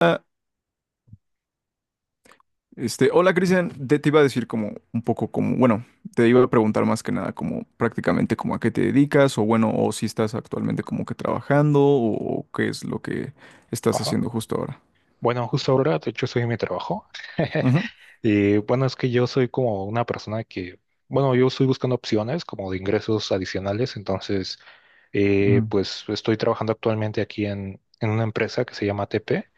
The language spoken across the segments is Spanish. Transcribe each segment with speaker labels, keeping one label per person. Speaker 1: Ah, hola Cristian, te iba a decir como un poco como, bueno, te iba a preguntar más que nada como prácticamente como a qué te dedicas o bueno, o si estás actualmente como que trabajando o qué es lo que estás
Speaker 2: Ajá.
Speaker 1: haciendo justo ahora.
Speaker 2: Bueno, justo ahora, de hecho, soy en mi trabajo.
Speaker 1: Ujú,
Speaker 2: Y bueno, es que yo soy como una persona que, bueno, yo estoy buscando opciones como de ingresos adicionales, entonces, pues estoy trabajando actualmente aquí en, una empresa que se llama TP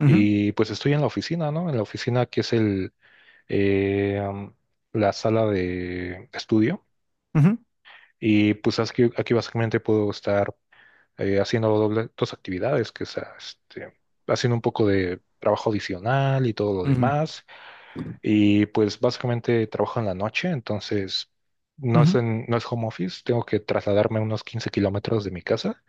Speaker 1: ujú,
Speaker 2: y pues estoy en la oficina, ¿no? En la oficina que es el, eh, am, la sala de estudio
Speaker 1: ujú,
Speaker 2: y pues aquí, básicamente puedo estar haciendo dos actividades, que sea este, haciendo un poco de trabajo adicional y todo lo
Speaker 1: ujú,
Speaker 2: demás. Y pues básicamente trabajo en la noche, entonces no es,
Speaker 1: ujú,
Speaker 2: no es home office, tengo que trasladarme unos 15 kilómetros de mi casa.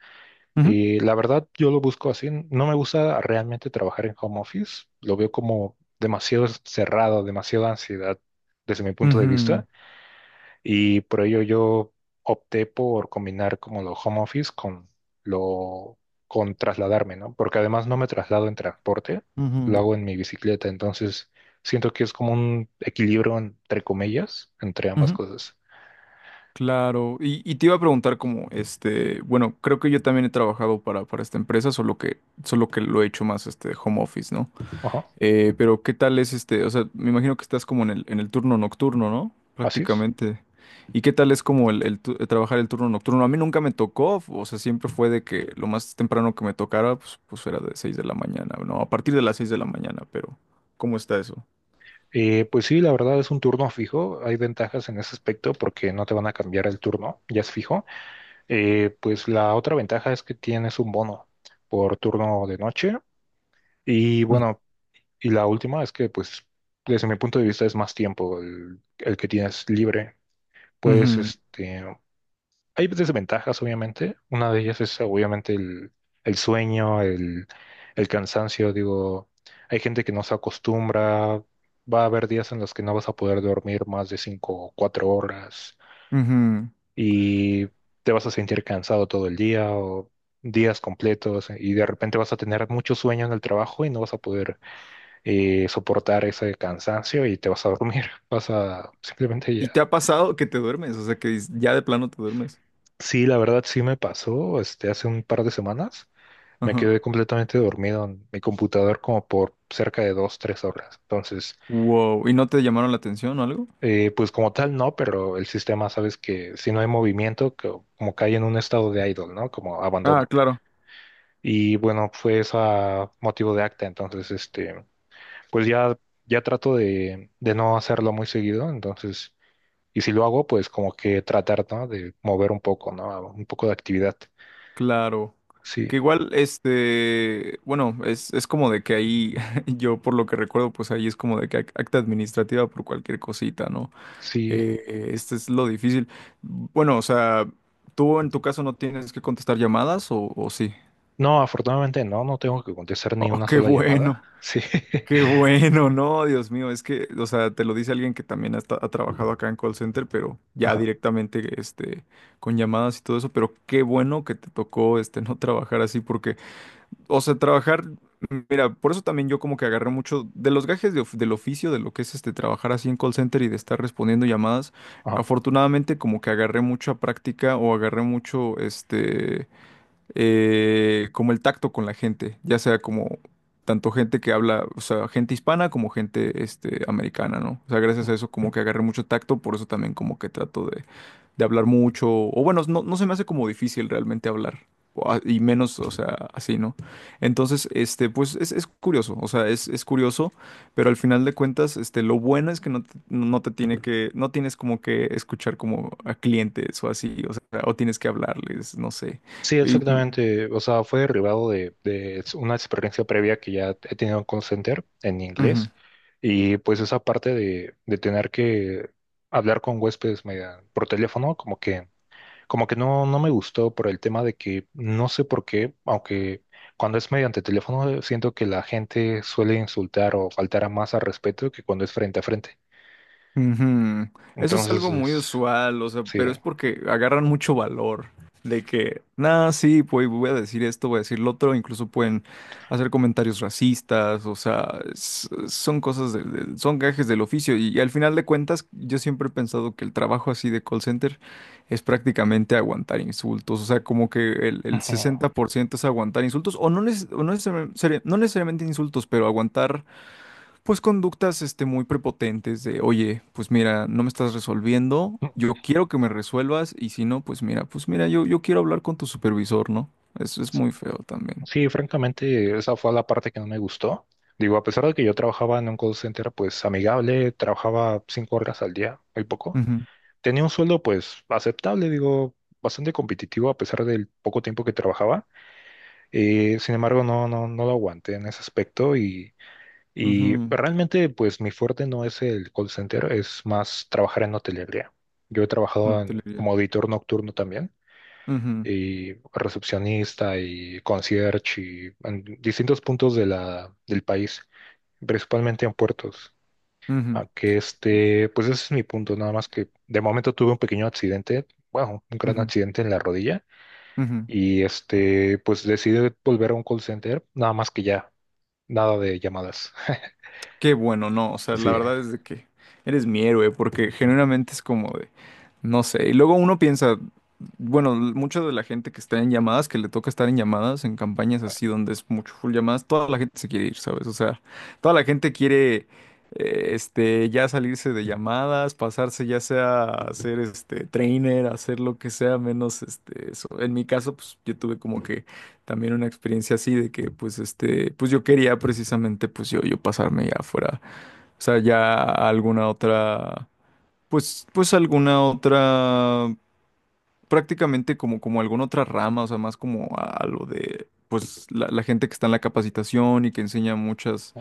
Speaker 1: ujú,
Speaker 2: Y la verdad, yo lo busco así. No me gusta realmente trabajar en home office. Lo veo como demasiado cerrado, demasiada ansiedad desde mi punto de
Speaker 1: ujú,
Speaker 2: vista. Y por ello yo opté por combinar como lo home office con lo con trasladarme, ¿no? Porque además no me traslado en transporte, lo
Speaker 1: ujú,
Speaker 2: hago en mi bicicleta, entonces siento que es como un equilibrio entre comillas entre ambas
Speaker 1: ujú.
Speaker 2: cosas.
Speaker 1: Claro, y te iba a preguntar como, bueno, creo que yo también he trabajado para esta empresa, solo que lo he hecho más home office, ¿no?
Speaker 2: Ajá,
Speaker 1: Pero ¿qué tal es este? O sea, me imagino que estás como en en el turno nocturno, ¿no?
Speaker 2: así es.
Speaker 1: Prácticamente. ¿Y qué tal es como trabajar el turno nocturno? A mí nunca me tocó, o sea, siempre fue de que lo más temprano que me tocara, pues era de 6 de la mañana, no, a partir de las 6 de la mañana, pero ¿cómo está eso?
Speaker 2: Pues sí, la verdad es un turno fijo, hay ventajas en ese aspecto porque no te van a cambiar el turno, ya es fijo. Pues la otra ventaja es que tienes un bono por turno de noche. Y
Speaker 1: Ujú,
Speaker 2: bueno, y la última es que, pues, desde mi punto de vista es más tiempo el que tienes libre. Puedes,
Speaker 1: ujú.
Speaker 2: este, hay desventajas, obviamente. Una de ellas es, obviamente, el sueño, el cansancio. Digo, hay gente que no se acostumbra. Va a haber días en los que no vas a poder dormir más de 5 o 4 horas
Speaker 1: Ujú.
Speaker 2: y te vas a sentir cansado todo el día o días completos y de repente vas a tener mucho sueño en el trabajo y no vas a poder soportar ese cansancio y te vas a dormir, vas a simplemente ya.
Speaker 1: ¿Y te ha pasado que te duermes? O sea, que ya de plano te duermes.
Speaker 2: Sí, la verdad sí me pasó, este, hace un par de semanas me
Speaker 1: Ajá.
Speaker 2: quedé completamente dormido en mi computador como por cerca de dos, tres horas. Entonces,
Speaker 1: Wow. ¿Y no te llamaron la atención o algo?
Speaker 2: pues como tal no, pero el sistema, sabes que si no hay movimiento, como cae en un estado de idle, ¿no? Como
Speaker 1: Ah,
Speaker 2: abandono.
Speaker 1: claro.
Speaker 2: Y bueno, fue esa motivo de acta, entonces, este, pues ya, ya trato de no hacerlo muy seguido, entonces... Y si lo hago, pues como que tratar, ¿no? De mover un poco, ¿no? Un poco de actividad.
Speaker 1: Claro.
Speaker 2: Sí,
Speaker 1: Que igual, bueno, es como de que ahí, yo por lo que recuerdo, pues ahí es como de que acta administrativa por cualquier cosita, ¿no?
Speaker 2: sí.
Speaker 1: Este es lo difícil. Bueno, o sea, ¿tú en tu caso no tienes que contestar llamadas o sí?
Speaker 2: No, afortunadamente no, no tengo que contestar ni
Speaker 1: Oh,
Speaker 2: una sola llamada. Sí.
Speaker 1: qué bueno, no, Dios mío, es que, o sea, te lo dice alguien que también ha trabajado acá en call center, pero ya
Speaker 2: Ajá,
Speaker 1: directamente, con llamadas y todo eso, pero qué bueno que te tocó, no trabajar así porque... O sea, trabajar, mira, por eso también yo como que agarré mucho de los gajes del oficio, de lo que es este trabajar así en call center y de estar respondiendo llamadas.
Speaker 2: ajá.
Speaker 1: Afortunadamente como que agarré mucha práctica o agarré mucho como el tacto con la gente, ya sea como tanto gente que habla, o sea, gente hispana como gente americana, ¿no? O sea, gracias a eso como que agarré mucho tacto, por eso también como que trato de hablar mucho, o bueno, no se me hace como difícil realmente hablar, y menos, o sea, así, ¿no? Entonces, pues es curioso, o sea, es curioso, pero al final de cuentas, lo bueno es que no te tiene que, no tienes como que escuchar como a clientes o así, o sea, o tienes que hablarles, no sé.
Speaker 2: Sí,
Speaker 1: Y, mm,
Speaker 2: exactamente. O sea, fue derivado de una experiencia previa que ya he tenido en call center en
Speaker 1: ujú.
Speaker 2: inglés. Y pues esa parte de tener que hablar con huéspedes por teléfono, como que como que no, no me gustó por el tema de que no sé por qué, aunque cuando es mediante teléfono siento que la gente suele insultar o faltar a más al respeto que cuando es frente a frente.
Speaker 1: Ujú. Eso es
Speaker 2: Entonces
Speaker 1: algo muy
Speaker 2: es,
Speaker 1: usual, o sea,
Speaker 2: sí.
Speaker 1: pero es porque agarran mucho valor de que, nada, sí, pues voy a decir esto, voy a decir lo otro, incluso pueden hacer comentarios racistas, o sea, son cosas, son gajes del oficio y, al final de cuentas yo siempre he pensado que el trabajo así de call center es prácticamente aguantar insultos, o sea, como que el
Speaker 2: Ujú.
Speaker 1: 60% es aguantar insultos o no, o no necesariamente no necesariamente insultos, pero aguantar pues conductas muy prepotentes de, oye, pues mira, no me estás resolviendo,
Speaker 2: No,
Speaker 1: yo quiero que me resuelvas y si no, pues mira, yo quiero hablar con tu supervisor, ¿no? Eso es muy feo también.
Speaker 2: sí, francamente esa fue la parte que no me gustó. Digo, a pesar de que yo trabajaba en un call center pues amigable, trabajaba 5 horas al día, muy poco.
Speaker 1: Ujú,
Speaker 2: Tenía un sueldo pues aceptable, digo, bastante competitivo a pesar del poco tiempo que trabajaba. Sin embargo, no lo aguanté en ese aspecto y
Speaker 1: ujú.
Speaker 2: realmente pues mi fuerte no es el call center, es más trabajar en hotelería. Yo he
Speaker 1: No
Speaker 2: trabajado
Speaker 1: te le diría.
Speaker 2: como auditor nocturno también
Speaker 1: Ujú,
Speaker 2: y recepcionista y concierge y en distintos puntos de la, del país, principalmente en puertos.
Speaker 1: ujú,
Speaker 2: Aunque este, pues ese es mi punto, nada más que de momento tuve un pequeño accidente, bueno, un gran
Speaker 1: ujú,
Speaker 2: accidente en la rodilla.
Speaker 1: ujú.
Speaker 2: Y este, pues decidí volver a un call center, nada más que ya nada de llamadas.
Speaker 1: Qué bueno, no, o sea, la
Speaker 2: Sí,
Speaker 1: verdad es de que eres mi héroe, porque genuinamente es como de, no sé, y luego uno piensa, bueno, mucha de la gente que está en llamadas, que le toca estar en llamadas, en campañas así donde es mucho full llamadas, toda la gente se quiere ir, ¿sabes? O sea, toda la gente quiere, ya salirse de llamadas, pasarse ya sea a ser, trainer, a hacer lo que sea, menos, eso. En mi caso, pues yo tuve como que también una experiencia así de que yo quería precisamente yo pasarme ya fuera, o sea ya a alguna otra, alguna otra, prácticamente como alguna otra rama, o sea más como a lo de pues la gente que está en la capacitación y que enseña muchas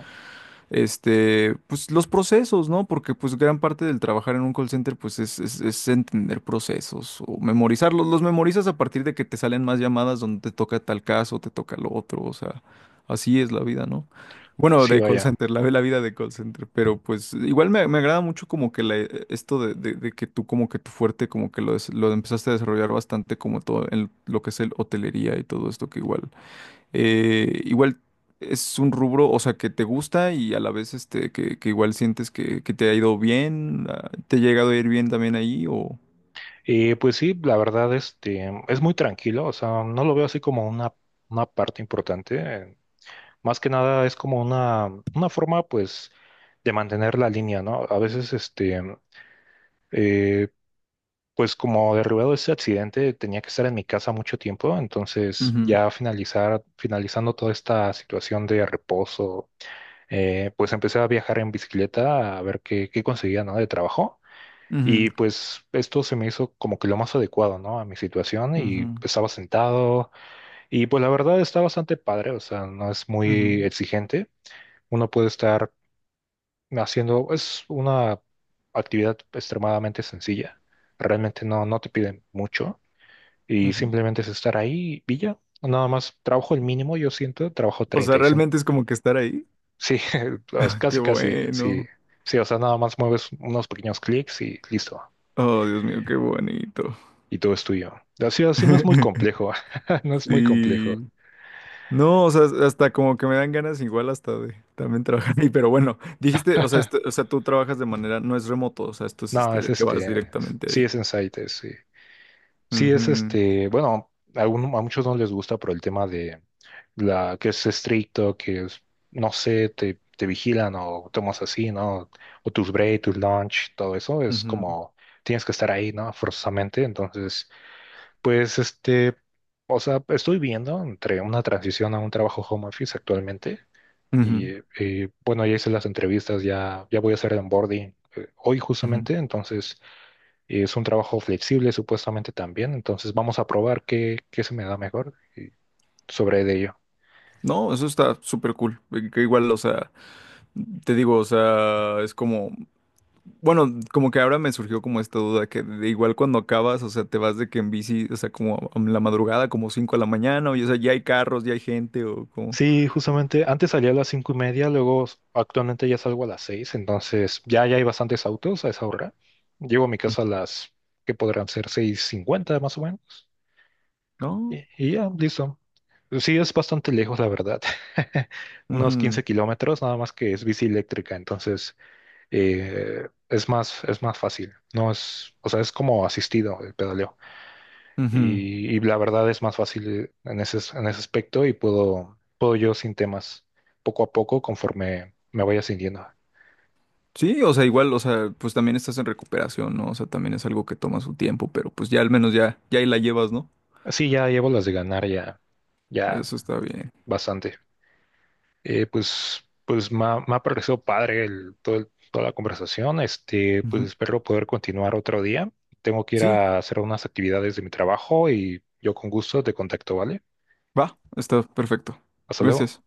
Speaker 1: pues los procesos, ¿no? Porque pues gran parte del trabajar en un call center pues es entender procesos o memorizarlos. Los memorizas a partir de que te salen más llamadas donde te toca tal caso, te toca lo otro, o sea, así es la vida, ¿no? Bueno,
Speaker 2: sí,
Speaker 1: de call
Speaker 2: vaya.
Speaker 1: center, la vida de call center, pero pues igual me agrada mucho como que esto de que tú como que tu fuerte como que lo empezaste a desarrollar bastante como todo en lo que es el hotelería y todo esto que igual es un rubro, o sea, que te gusta y a la vez que igual sientes que te ha ido bien, ah, te ha llegado a ir bien también ahí o...
Speaker 2: Y pues sí, la verdad, este, es muy tranquilo, o sea, no lo veo así como una parte importante. Más que nada es como una forma, pues, de mantener la línea, ¿no? A veces, este, eh, pues como derribado ese accidente, tenía que estar en mi casa mucho tiempo, entonces
Speaker 1: Ujú,
Speaker 2: ya finalizar, finalizando toda esta situación de reposo, pues empecé a viajar en bicicleta a ver qué, qué conseguía, ¿no? De trabajo.
Speaker 1: ujú,
Speaker 2: Y pues esto se me hizo como que lo más adecuado, ¿no? A mi situación y
Speaker 1: ujú,
Speaker 2: estaba sentado y pues la verdad está bastante padre, o sea, no es muy
Speaker 1: ujú,
Speaker 2: exigente. Uno puede estar haciendo, es una actividad extremadamente sencilla. Realmente no, no te piden mucho y
Speaker 1: ujú.
Speaker 2: simplemente es estar ahí y ya. Nada más trabajo el mínimo, yo siento, trabajo
Speaker 1: O sea,
Speaker 2: 35.
Speaker 1: realmente es como que estar ahí.
Speaker 2: Sí, pues,
Speaker 1: Qué
Speaker 2: casi, casi, sí.
Speaker 1: bueno.
Speaker 2: Sí, o sea, nada más mueves unos pequeños clics y listo.
Speaker 1: Oh, Dios mío, qué bonito.
Speaker 2: Y todo es tuyo. Así, así no es muy complejo, no es muy
Speaker 1: Sí.
Speaker 2: complejo.
Speaker 1: No, o sea, hasta como que me dan ganas igual hasta de también trabajar ahí, pero bueno, dijiste, o sea, o sea, tú trabajas de manera, no es remoto, o sea, esto es
Speaker 2: No,
Speaker 1: este
Speaker 2: es
Speaker 1: de que vas
Speaker 2: este, sí
Speaker 1: directamente
Speaker 2: es Insight, es, sí. Sí es
Speaker 1: ahí.
Speaker 2: este, bueno, a muchos no les gusta por el tema de la que es estricto, que es, no sé, te vigilan o tomas así, ¿no? O tus break, tus lunch, todo eso es
Speaker 1: Ujú,
Speaker 2: como tienes que estar ahí, ¿no? Forzosamente. Entonces, pues este, o sea, estoy viendo entre una transición a un trabajo home office actualmente
Speaker 1: ujú,
Speaker 2: y, bueno, ya hice las entrevistas, ya, ya voy a hacer el onboarding hoy
Speaker 1: ujú.
Speaker 2: justamente, entonces es un trabajo flexible supuestamente también, entonces vamos a probar qué, qué se me da mejor y sobre de ello.
Speaker 1: No, eso está súper cool. Que Igual, o sea, te digo, o sea, es como, bueno, como que ahora me surgió como esta duda que de igual cuando acabas, o sea, te vas de que en bici, o sea, como a la madrugada, como 5 de la mañana, o ya, o sea, ya hay carros, ya hay gente, o como,
Speaker 2: Sí, justamente antes salía a las 5:30, luego actualmente ya salgo a las seis, entonces ya, ya hay bastantes autos a esa hora. Llego a mi casa a las que podrán ser 6:50 más o menos.
Speaker 1: ¿no?
Speaker 2: Y ya, listo. Sí, es bastante lejos, la verdad. Unos
Speaker 1: Ujú,
Speaker 2: 15 kilómetros, nada más que es bici eléctrica, entonces es más fácil. No es, o sea, es como asistido el pedaleo.
Speaker 1: ujú.
Speaker 2: Y la verdad es más fácil en ese aspecto y puedo, puedo yo sin temas, poco a poco, conforme me vaya sintiendo.
Speaker 1: Sí, o sea, igual, o sea, pues también estás en recuperación, ¿no? O sea, también es algo que toma su tiempo, pero pues ya al menos ya ahí la llevas, ¿no?
Speaker 2: Sí, ya llevo las de ganar ya, ya
Speaker 1: Eso está bien.
Speaker 2: bastante. Pues, pues me ha parecido padre el, todo toda la conversación. Este, pues
Speaker 1: Ujú.
Speaker 2: espero poder continuar otro día. Tengo que ir
Speaker 1: Sí,
Speaker 2: a hacer unas actividades de mi trabajo y yo con gusto te contacto, ¿vale?
Speaker 1: va, está perfecto.
Speaker 2: Hasta luego.
Speaker 1: Gracias.